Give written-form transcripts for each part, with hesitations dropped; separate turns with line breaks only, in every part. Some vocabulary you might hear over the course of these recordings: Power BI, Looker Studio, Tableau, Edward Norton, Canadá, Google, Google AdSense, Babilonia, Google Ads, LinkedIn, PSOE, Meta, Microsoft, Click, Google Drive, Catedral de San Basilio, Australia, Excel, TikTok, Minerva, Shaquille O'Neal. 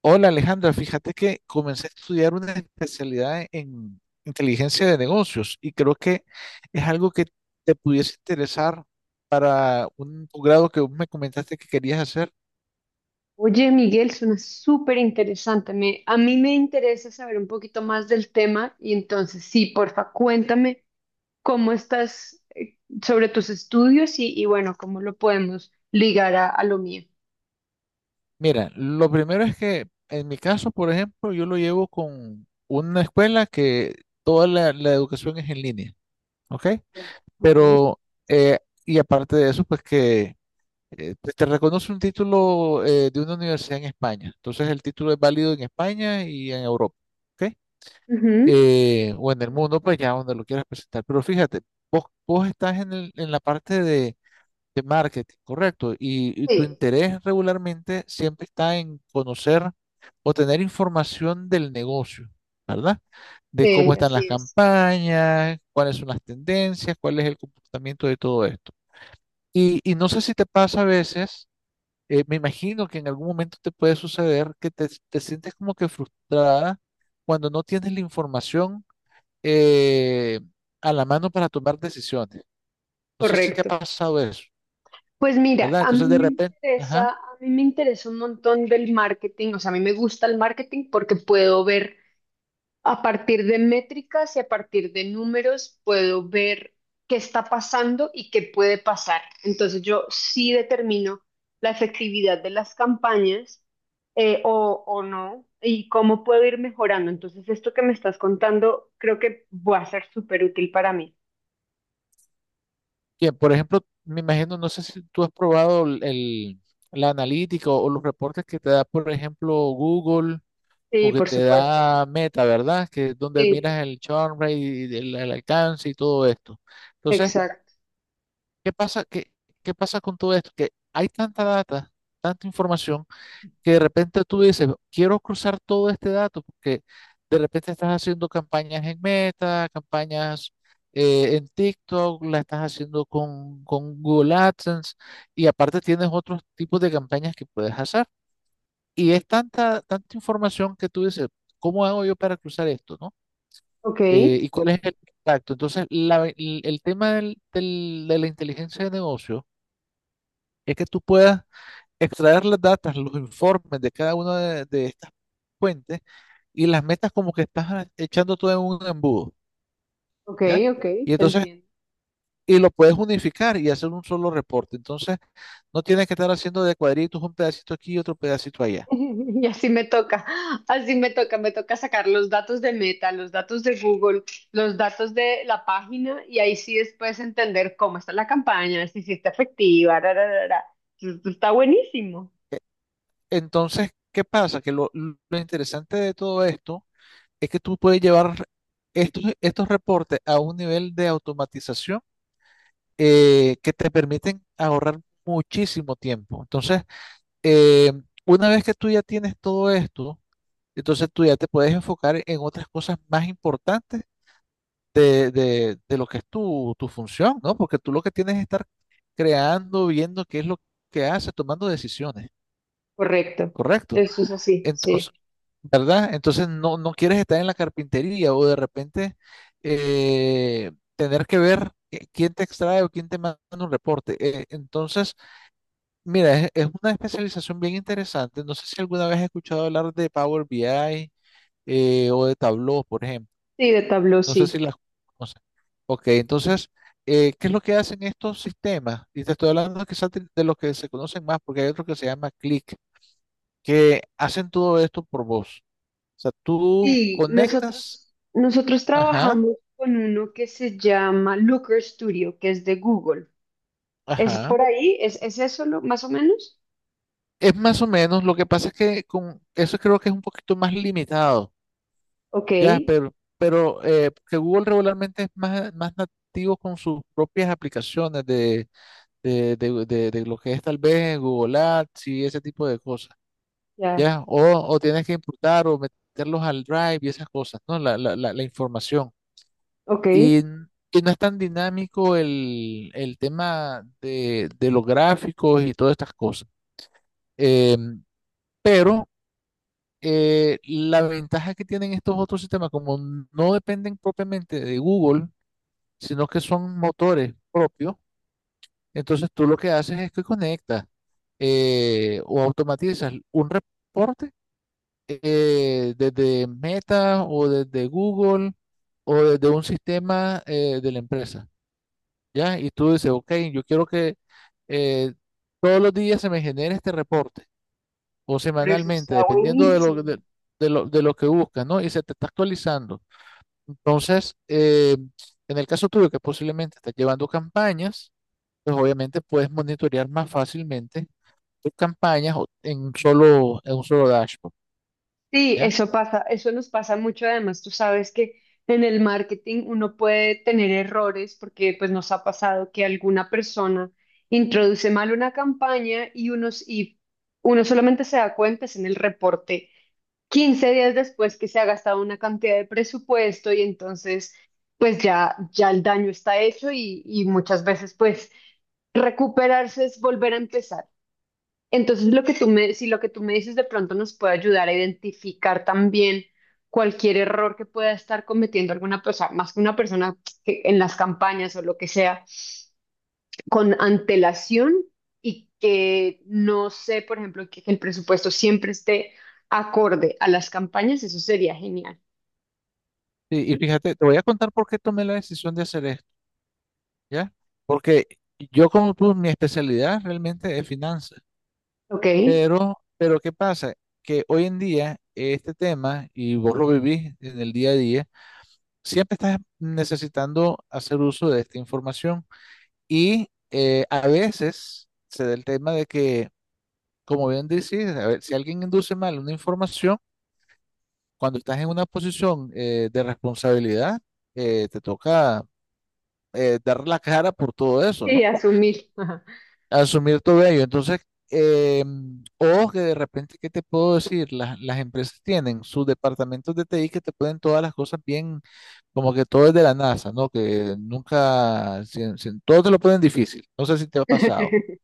Hola Alejandra, fíjate que comencé a estudiar una especialidad en inteligencia de negocios y creo que es algo que te pudiese interesar para un grado que vos me comentaste que querías hacer.
Oye, Miguel, suena súper interesante. A mí me interesa saber un poquito más del tema y entonces sí, porfa, cuéntame cómo estás sobre tus estudios y bueno, cómo lo podemos ligar a lo mío.
Mira, lo primero es que en mi caso, por ejemplo, yo lo llevo con una escuela que toda la educación es en línea, ¿ok?
Ya. Ok.
Pero, eh, y aparte de eso, pues que te reconoce un título de una universidad en España. Entonces el título es válido en España y en Europa, ¿ok?
Ujú.
O en el mundo, pues ya donde lo quieras presentar. Pero fíjate, vos estás en la parte de marketing, correcto, y tu
Sí,
interés regularmente siempre está en conocer o tener información del negocio, ¿verdad? De
sí,
cómo están las
así es.
campañas, cuáles son las tendencias, cuál es el comportamiento de todo esto. Y no sé si te pasa a veces me imagino que en algún momento te puede suceder que te sientes como que frustrada cuando no tienes la información eh, a la mano para tomar decisiones. No sé si te ha
Correcto.
pasado eso,
Pues mira,
¿verdad? Entonces de repente, ajá,
a mí me interesa un montón del marketing, o sea, a mí me gusta el marketing porque puedo ver a partir de métricas y a partir de números, puedo ver qué está pasando y qué puede pasar. Entonces yo sí determino la efectividad de las campañas, o no, y cómo puedo ir mejorando. Entonces, esto que me estás contando creo que va a ser súper útil para mí.
bien, por ejemplo, me imagino, no sé si tú has probado la analítica o los reportes que te da, por ejemplo, Google o
Sí,
que
por
te
supuesto.
da Meta, ¿verdad? Que es donde
Sí,
miras el churn rate, y el alcance y todo esto. Entonces,
exacto.
¿qué pasa, qué pasa con todo esto? Que hay tanta data, tanta información, que de repente tú dices, quiero cruzar todo este dato, porque de repente estás haciendo campañas en Meta, campañas en TikTok, la estás haciendo con Google AdSense, y aparte tienes otros tipos de campañas que puedes hacer. Y es tanta, tanta información que tú dices, ¿cómo hago yo para cruzar esto, no?
Ok,
¿Y cuál es el impacto? Entonces, el tema de la inteligencia de negocio es que tú puedas extraer las datas, los informes de cada una de estas fuentes y las metas como que estás echando todo en un embudo,
ok,
¿ya?
ok,
Y
te
entonces,
entiendo.
y lo puedes unificar y hacer un solo reporte. Entonces, no tienes que estar haciendo de cuadritos un pedacito aquí y otro pedacito allá.
Y así me toca sacar los datos de Meta, los datos de Google, los datos de la página, y ahí sí después entender cómo está la campaña, si sí está efectiva, ra, ra, ra, ra. Esto está buenísimo.
Entonces, ¿qué pasa? Que lo interesante de todo esto es que tú puedes llevar estos reportes a un nivel de automatización que te permiten ahorrar muchísimo tiempo. Entonces, eh, una vez que tú ya tienes todo esto, entonces tú ya te puedes enfocar en otras cosas más importantes de, de lo que es tu, tu función, ¿no? Porque tú lo que tienes es estar creando, viendo qué es lo que haces, tomando decisiones,
Correcto.
¿correcto?
Eso es así, sí.
Entonces, ¿verdad? Entonces no, no quieres estar en la carpintería o de repente tener que ver quién te extrae o quién te manda un reporte. Entonces... Mira, es una especialización bien interesante. No sé si alguna vez has escuchado hablar de Power BI o de Tableau, por ejemplo.
Sí, de Tableau,
No sé si
sí.
las conoces. Ok, entonces, ¿qué es lo que hacen estos sistemas? Y te estoy hablando quizás de los que se conocen más, porque hay otro que se llama Click, que hacen todo esto por voz. O sea, tú
sí
conectas,
nosotros, nosotros
ajá,
trabajamos con uno que se llama Looker Studio, que es de Google. ¿Es
ajá.
por ahí? Es eso lo- más o menos?
Es más o menos, lo que pasa es que con eso creo que es un poquito más limitado.
Ok,
Ya, pero que Google regularmente es más, más nativo con sus propias aplicaciones de, de lo que es tal vez Google Ads y ese tipo de cosas.
ya,
Ya, o tienes que importar o meterlos al Drive y esas cosas, ¿no? La información.
ok.
Y, y no es tan dinámico el tema de los gráficos y todas estas cosas. Em, pero la ventaja que tienen estos otros sistemas, como no dependen propiamente de Google, sino que son motores propios. Entonces tú lo que haces es que conectas o automatizas un reporte desde Meta o desde Google o desde un sistema de la empresa, ¿ya? Y tú dices, ok, yo quiero que eh, todos los días se me genere este reporte o
Pero eso
semanalmente,
está
dependiendo
buenísimo.
de lo que buscas, ¿no? Y se te está actualizando. Entonces, en el caso tuyo, que posiblemente estás llevando campañas, pues obviamente puedes monitorear más fácilmente tus campañas en un solo dashboard,
Sí,
¿ya?
eso pasa, eso nos pasa mucho. Además, tú sabes que en el marketing uno puede tener errores porque pues nos ha pasado que alguna persona introduce mal una campaña y uno solamente se da cuenta es en el reporte 15 días después, que se ha gastado una cantidad de presupuesto, y entonces pues ya el daño está hecho y muchas veces pues recuperarse es volver a empezar. Entonces, lo que tú me, si lo que tú me dices, de pronto nos puede ayudar a identificar también cualquier error que pueda estar cometiendo alguna persona, más que una persona, que en las campañas o lo que sea, con antelación. Y que no sé, por ejemplo, que el presupuesto siempre esté acorde a las campañas, eso sería genial.
Y fíjate, te voy a contar por qué tomé la decisión de hacer esto, ¿ya? Porque yo como tú, mi especialidad realmente es finanzas,
¿Ok? Sí,
pero ¿qué pasa? Que hoy en día este tema, y vos lo vivís en el día a día, siempre estás necesitando hacer uso de esta información y a veces se da el tema de que como bien decís, a ver, si alguien induce mal una información, cuando estás en una posición de responsabilidad, te toca dar la cara por todo eso, ¿no?
asumir. Ajá.
Asumir todo ello. Entonces, eh, o que de repente, ¿qué te puedo decir? Las empresas tienen sus departamentos de TI que te ponen todas las cosas bien, como que todo es de la NASA, ¿no? Que nunca, todo te lo ponen difícil. No sé si te ha pasado,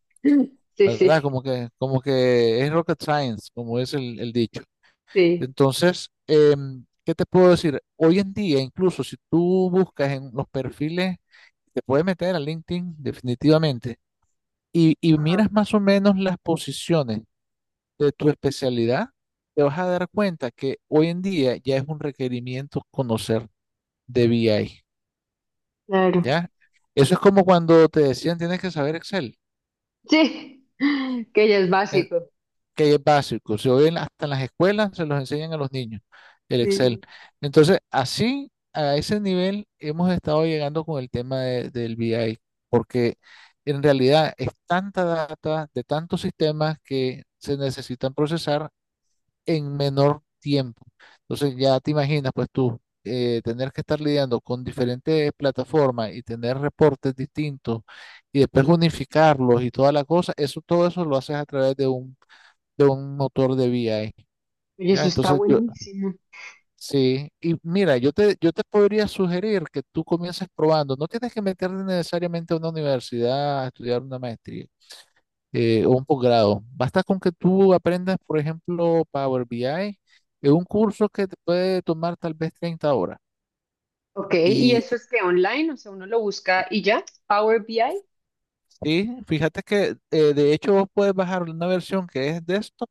Sí,
¿verdad?
sí,
Como que es rocket science, como es el dicho.
sí.
Entonces, ¿qué te puedo decir? Hoy en día, incluso si tú buscas en los perfiles, te puedes meter a LinkedIn definitivamente y
Ajá.
miras más o menos las posiciones de tu especialidad, te vas a dar cuenta que hoy en día ya es un requerimiento conocer de BI,
Claro.
¿ya? Eso es como cuando te decían tienes que saber Excel.
Sí, que ya es
Eh,
básico.
que es básico. Se oyen hasta en las escuelas, se los enseñan a los niños, el
Sí,
Excel.
sí.
Entonces, así, a ese nivel, hemos estado llegando con el tema del BI, porque en realidad es tanta data de tantos sistemas que se necesitan procesar en menor tiempo. Entonces, ya te imaginas, pues tú. Tener que estar lidiando con diferentes plataformas y tener reportes distintos y después unificarlos y toda la cosa, eso, todo eso lo haces a través de un motor de VI.
Oye,
¿Ya?
eso está
Entonces yo,
buenísimo.
sí, y mira, yo te podría sugerir que tú comiences probando. No tienes que meterte necesariamente a una universidad a estudiar una maestría o un posgrado. Basta con que tú aprendas, por ejemplo, Power BI, es un curso que te puede tomar tal vez 30 horas.
Ok, ¿y
Y
eso
que-
es que online? O sea, uno lo busca y ya. Power BI.
sí, fíjate que de hecho vos puedes bajar una versión que es de esto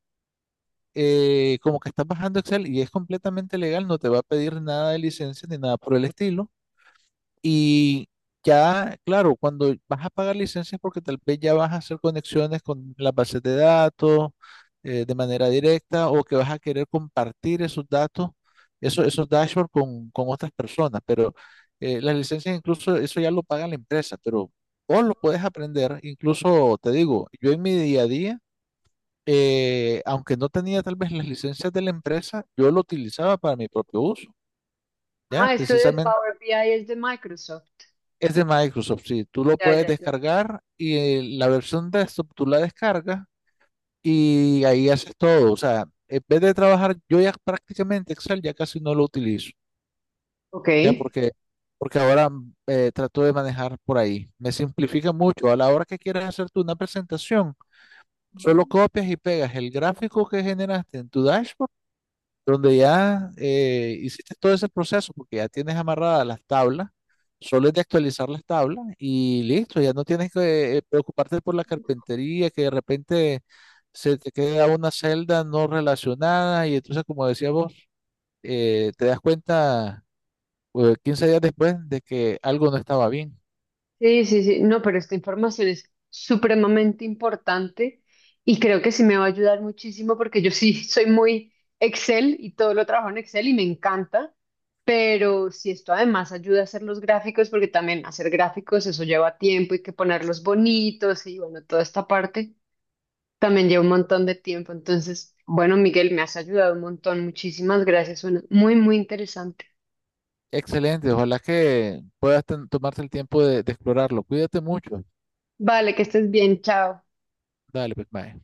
como que estás bajando Excel y es completamente legal, no te va a pedir nada de licencia ni nada por el estilo. Y ya, claro, cuando vas a pagar licencias porque tal vez ya vas a hacer conexiones con las bases de datos de manera directa o que vas a querer compartir esos datos, esos dashboards con otras personas. Pero las licencias incluso eso ya lo paga la empresa, pero vos lo puedes aprender. Incluso te digo, yo en mi día a día, aunque no tenía tal vez las licencias de la empresa, yo lo utilizaba para mi propio uso. Ya,
Ah, esto de
precisamente
Power BI es de Microsoft.
es de Microsoft, sí. Tú lo
Ya,
puedes
ya, ya.
descargar y la versión desktop tú la descargas y ahí haces todo. O sea, en vez de trabajar, yo ya prácticamente Excel ya casi no lo utilizo,
Ok.
ya porque, porque ahora trato de manejar por ahí. Me simplifica mucho. A la hora que quieras hacer tú una presentación, solo
Mm.
copias y pegas el gráfico que generaste en tu dashboard donde ya hiciste todo ese proceso porque ya tienes amarradas las tablas, solo es de actualizar las tablas y listo, ya no tienes que preocuparte por la carpintería, que de repente se te queda una celda no relacionada y entonces, como decía vos, te das cuenta 15 días después de que algo no estaba bien.
Sí, sí, sí. No, pero esta información es supremamente importante y creo que sí me va a ayudar muchísimo, porque yo sí soy muy Excel y todo lo trabajo en Excel y me encanta, pero si esto además ayuda a hacer los gráficos, porque también hacer gráficos eso lleva tiempo, hay que ponerlos bonitos y bueno, toda esta parte. También lleva un montón de tiempo. Entonces, bueno, Miguel, me has ayudado un montón. Muchísimas gracias. Suena muy, muy interesante.
Excelente, ojalá que puedas tomarte el tiempo de explorarlo. Cuídate mucho.
Vale, que estés bien. Chao.
Dale, pues, mae.